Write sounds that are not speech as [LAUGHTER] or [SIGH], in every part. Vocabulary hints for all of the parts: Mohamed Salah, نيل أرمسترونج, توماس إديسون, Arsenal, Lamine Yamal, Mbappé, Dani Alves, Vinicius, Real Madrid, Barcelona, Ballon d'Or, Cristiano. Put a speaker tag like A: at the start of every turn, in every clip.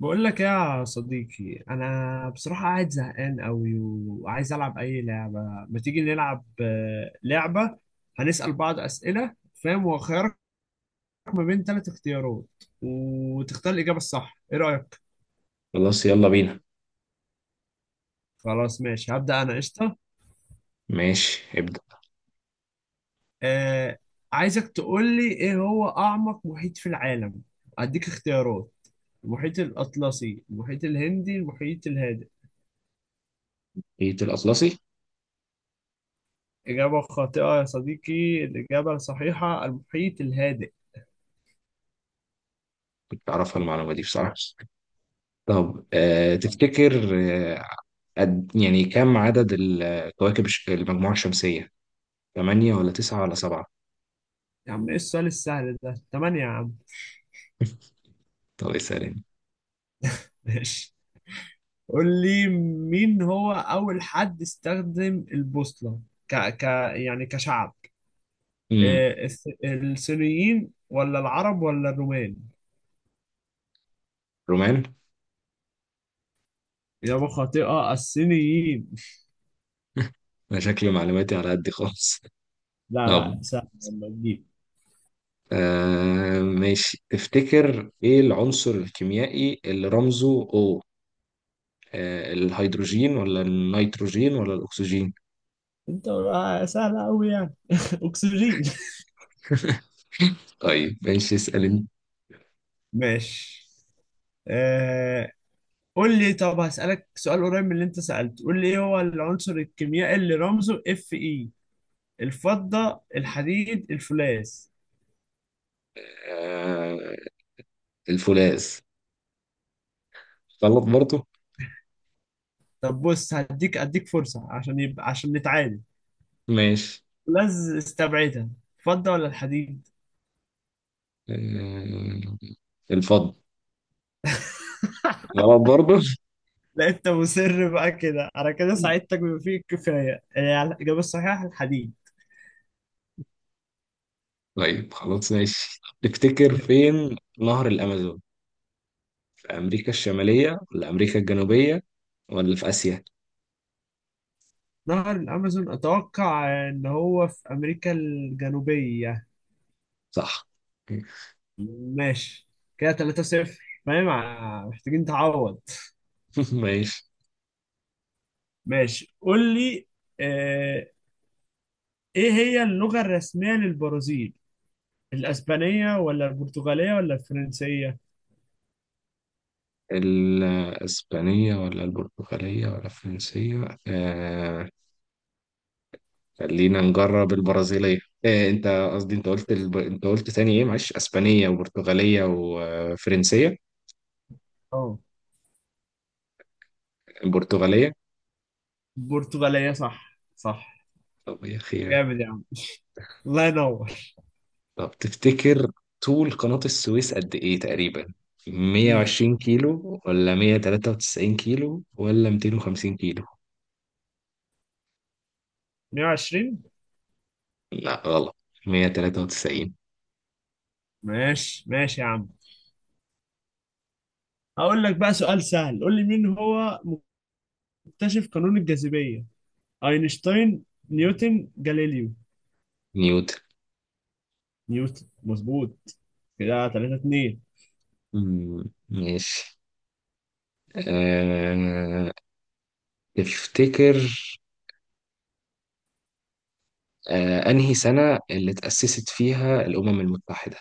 A: بقول لك يا صديقي، انا بصراحه قاعد زهقان قوي وعايز العب اي لعبه. ما تيجي نلعب لعبه؟ هنسال بعض اسئله، فاهم؟ وخيارك ما بين ثلاث اختيارات، وتختار الاجابه الصح. ايه رايك؟
B: خلاص يلا بينا.
A: خلاص ماشي، هبدا انا. قشطه.
B: ماشي ابدأ.
A: آه. عايزك تقول لي، ايه هو اعمق محيط في العالم؟ اديك اختيارات: المحيط الاطلسي، المحيط الهندي، المحيط الهادئ.
B: ايه، الأطلسي.
A: إجابة خاطئة يا صديقي، الإجابة الصحيحة المحيط الهادئ.
B: كنت أعرفها المعلومة دي بصراحة. طب، تفتكر، آه قد يعني كم عدد الكواكب المجموعة الشمسية؟ تمانية ولا تسعة ولا سبعة؟
A: يا عم، ايه السؤال السهل ده؟ تمانية يا عم.
B: طب اسألني.
A: [LAUGHS] ماشي. قول لي مين هو أول حد استخدم البوصلة، ك... ك... يعني كشعب.
B: امم
A: إيه، الصينيين ولا العرب ولا الرومان؟
B: رومان.
A: إجابة خاطئة، الصينيين.
B: أنا شكلي معلوماتي على قد خالص. [LAUGHS]
A: لا
B: طب،
A: لا، سهل لما تجيب.
B: ماشي. تفتكر ايه العنصر الكيميائي اللي رمزه O؟ الهيدروجين ولا النيتروجين ولا الأكسجين؟
A: انت بقى سهل أوي يعني. [LAUGHS] أكسجين.
B: [LAUGHS] طيب ماشي، اسأل انت.
A: ماشي. آه... قول لي، طب هسألك سؤال قريب من اللي انت سألته. قول لي ايه هو العنصر الكيميائي اللي رمزه Fe؟ الفضة، الحديد، الفولاذ.
B: آه، الفولاذ. غلط برضه.
A: طب بص، اديك فرصة عشان يبقى عشان نتعادل.
B: ماشي.
A: فولاذ استبعدها. فضة ولا الحديد؟
B: آه، الفضة.
A: [LAUGHS]
B: غلط برضه.
A: لا، انت مصر بقى كده، انا كده
B: [LAUGHS]
A: ساعدتك بما فيه الكفاية. الإجابة الصحيحة الحديد.
B: طيب خلاص ماشي، تفتكر
A: ماشي.
B: فين نهر الأمازون؟ في أمريكا الشمالية ولا أمريكا الجنوبية ولا في آسيا؟
A: نهر الأمازون أتوقع إن هو في أمريكا الجنوبية.
B: صح.
A: ماشي، كده 3 صفر. فاهم؟ محتاجين تعوض.
B: [LAUGHS] ماشي.
A: ماشي، قول لي. آه، إيه هي اللغة الرسمية للبرازيل؟ الاسبانيه ولا البرتغاليه ولا الفرنسيه؟
B: الإسبانية ولا البرتغالية ولا الفرنسية. خلينا نجرب البرازيلية. أنت قصدي أنت قلت أنت قلت تاني، إيه، معلش، إسبانية وبرتغالية وفرنسية.
A: اه،
B: البرتغالية.
A: البرتغاليه. صح، صح.
B: طب يا خير.
A: جامد يا عم. الله ينور.
B: طب تفتكر طول قناة السويس قد إيه تقريبا؟
A: امم
B: 120 كيلو ولا 193 كيلو ولا 250 كيلو؟
A: 120.
B: لا، غلط. 193.
A: ماشي ماشي يا عم. هقول لك بقى سؤال سهل. قول لي مين هو مكتشف قانون الجاذبيه؟ اينشتاين، نيوتن، جاليليو؟
B: نيوتن.
A: نيوتن، مظبوط. كده 3 2.
B: ماشي. أه... تفتكر، أنهي سنة اللي تأسست فيها الأمم المتحدة؟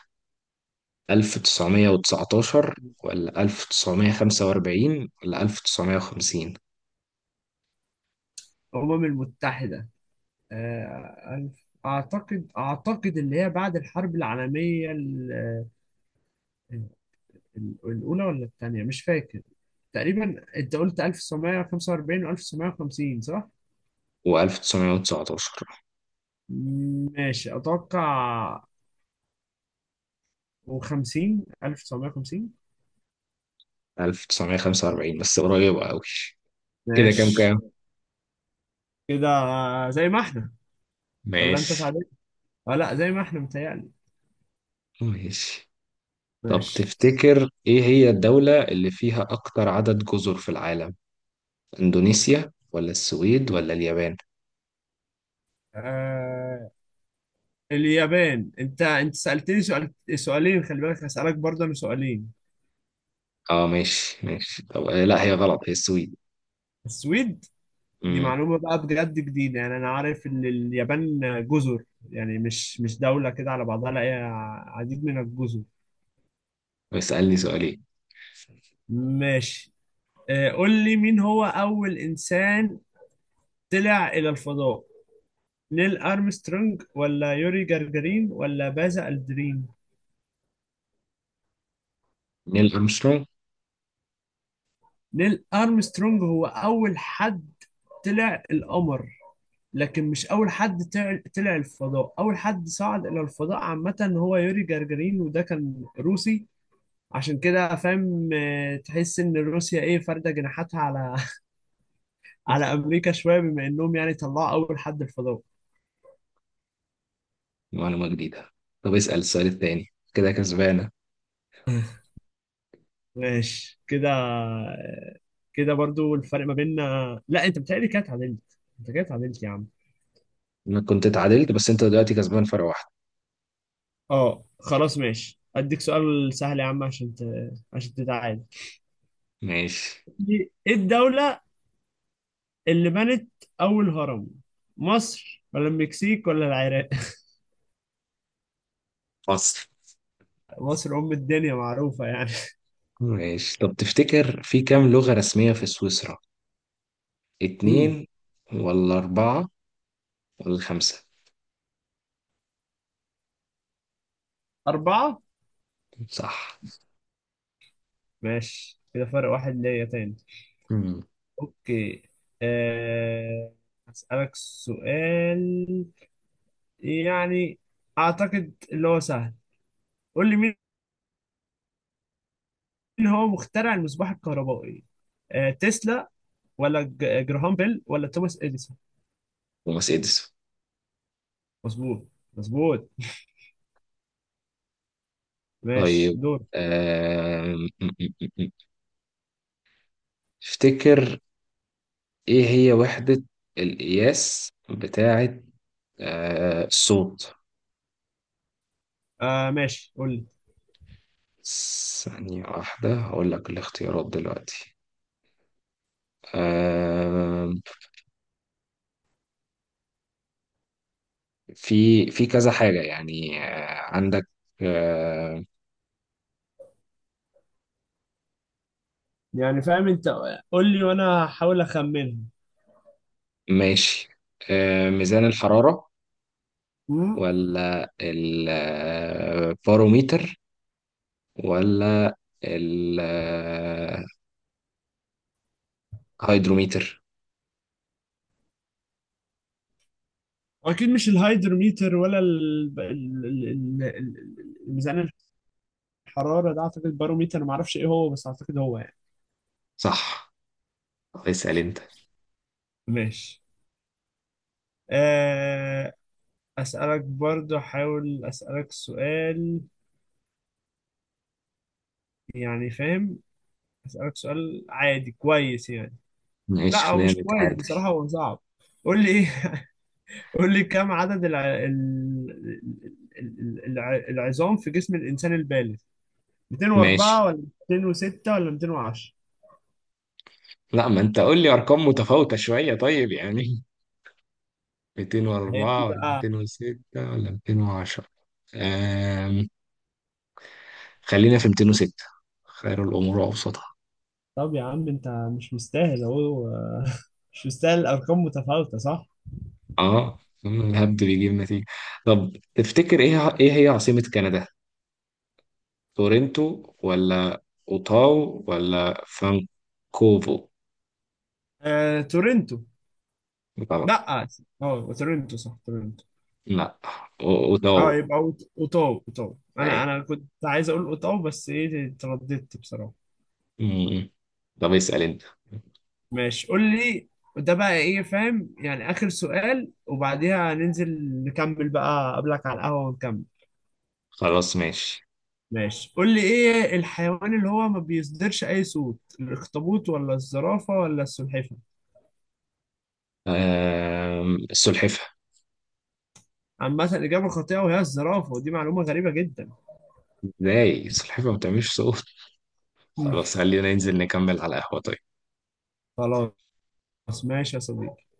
B: 1919 ولا 1945 ولا 1950؟
A: الامم المتحده، اعتقد اللي هي بعد الحرب العالميه الأولى ولا التانية، مش فاكر. تقريبا أنت قلت 1945 و1950 صح؟
B: و1919.
A: ماشي، أتوقع و50 1950.
B: 1945 بس قريبة أوي. كده كام
A: ماشي،
B: كام.
A: كده زي ما احنا، ولا أنت
B: ماشي
A: تعادلت؟ لا، زي ما احنا متهيألي.
B: ماشي. طب
A: ماشي.
B: تفتكر إيه هي الدولة اللي فيها أكتر عدد جزر في العالم؟ إندونيسيا ولا السويد ولا اليابان؟
A: آه اليابان. أنت سألتني سؤالين. خلي بالك هسألك برضه أنا سؤالين.
B: ماشي ماشي. طب، لا، هي غلط، هي السويد.
A: السويد؟ دي
B: امم
A: معلومة بقى بجد جديدة يعني. أنا عارف إن اليابان جزر، يعني مش دولة كده على بعضها، لا هي عديد من الجزر.
B: اسألني سؤالين.
A: ماشي. قول لي مين هو أول إنسان طلع إلى الفضاء؟ نيل أرمسترونج، ولا يوري جagarin، ولا باز ألدرين؟
B: نيل أرمسترونج.
A: نيل أرمسترونج هو أول حد طلع القمر، لكن مش أول حد طلع الفضاء. أول حد صعد إلى الفضاء عامة هو يوري جagarin، وده كان روسي. عشان كده فاهم؟ تحس ان روسيا ايه، فارده جناحاتها على [LAUGHS] على امريكا شويه، بما انهم يعني طلعوا اول حد الفضاء.
B: معلومة جديدة. طب اسأل السؤال التاني. كده كسبانة.
A: ماشي كده، كده برضو الفرق ما بيننا. لا انت بتهيألي كده اتعادلت، انت كده اتعادلت يا عم.
B: أنا كنت اتعادلت بس أنت دلوقتي كسبان فرق واحد.
A: اه خلاص ماشي، اديك سؤال سهل يا عم عشان عشان تتعادل.
B: ماشي.
A: ايه الدولة اللي بنت اول هرم؟ مصر، ولا المكسيك، ولا العراق؟ [LAUGHS]
B: فصل.
A: مصر ام الدنيا، معروفة يعني.
B: ماشي، طب تفتكر في كام لغة رسمية في سويسرا؟
A: امم
B: اتنين ولا أربعة ولا خمسة؟
A: أربعة.
B: صح.
A: ماشي، كده فرق واحد ليا تاني.
B: مم.
A: اوكي. أه... هسألك سؤال يعني، اعتقد اللي هو سهل. قول لي مين هو مخترع المصباح الكهربائي؟ تسلا، ولا جراهام بيل، ولا توماس اديسون؟
B: توماس إديسون.
A: مظبوط، مظبوط. ماشي،
B: طيب،
A: دور.
B: آم، م- م- م- م. افتكر إيه هي وحدة القياس بتاعة، الصوت؟
A: ماشي، قول لي
B: ثانية واحدة هقول لك الاختيارات دلوقتي. آم، في كذا حاجة يعني. عندك، آه،
A: يعني، فاهم انت؟ قول لي وانا هحاول اخمنها.
B: ماشي، ميزان الحرارة
A: مم.
B: ولا الباروميتر ولا الهيدروميتر؟
A: اكيد مش الهايدروميتر، ولا الميزان الحرارة ده. أعتقد الباروميتر، معرفش إيه هو بس أعتقد هو يعني.
B: صح. اسأل انت.
A: ماشي. آه، أسألك برضو أحاول أسألك سؤال يعني، فاهم؟ أسألك سؤال عادي كويس يعني.
B: ماشي،
A: لا، هو
B: خلينا
A: مش كويس
B: نتعادل.
A: بصراحة، هو صعب. قول لي إيه. [LAUGHS] قول لي كم عدد العظام في جسم الإنسان البالغ؟
B: ماشي.
A: 204 ولا 206 ولا 210؟
B: لا، ما انت قول لي ارقام متفاوتة شوية، طيب يعني.
A: هي دي
B: 204 ولا
A: بقى.
B: 206 ولا 210؟ أم... خلينا في 206. خير الامور اوسطها.
A: طب يا عم، أنت مش مستاهل أهو. [LAUGHS] مش مستاهل. الأرقام متفاوتة صح؟
B: اه. الهبد بيجيب نتيجة. طب تفتكر ايه هي عاصمة كندا؟ تورنتو ولا اوتاو ولا فانكوفو؟
A: تورنتو.
B: غلط.
A: لا، اه، تورنتو صح، تورنتو.
B: لا.
A: اه
B: وده
A: يبقى اوتاو. انا
B: معايا.
A: انا كنت عايز اقول اوتاو، بس ايه، ترددت بصراحة.
B: م- م. طب اسأل انت.
A: ماشي، قول لي. ده بقى ايه، فاهم يعني. اخر سؤال وبعديها ننزل نكمل بقى قبلك على القهوة ونكمل.
B: خلاص ماشي.
A: ماشي، قول لي ايه الحيوان اللي هو ما بيصدرش اي صوت؟ الاخطبوط، ولا الزرافة، ولا السلحفاة؟
B: السلحفة.
A: عامة إجابة خاطئة، وهي الزرافة، ودي معلومة غريبة جدا.
B: ازاي السلحفة ما بتعملش صوت؟ خلاص
A: [LAUGHS]
B: خلينا ننزل نكمل على القهوة، طيب.
A: خلاص. ماشي يا صديقي.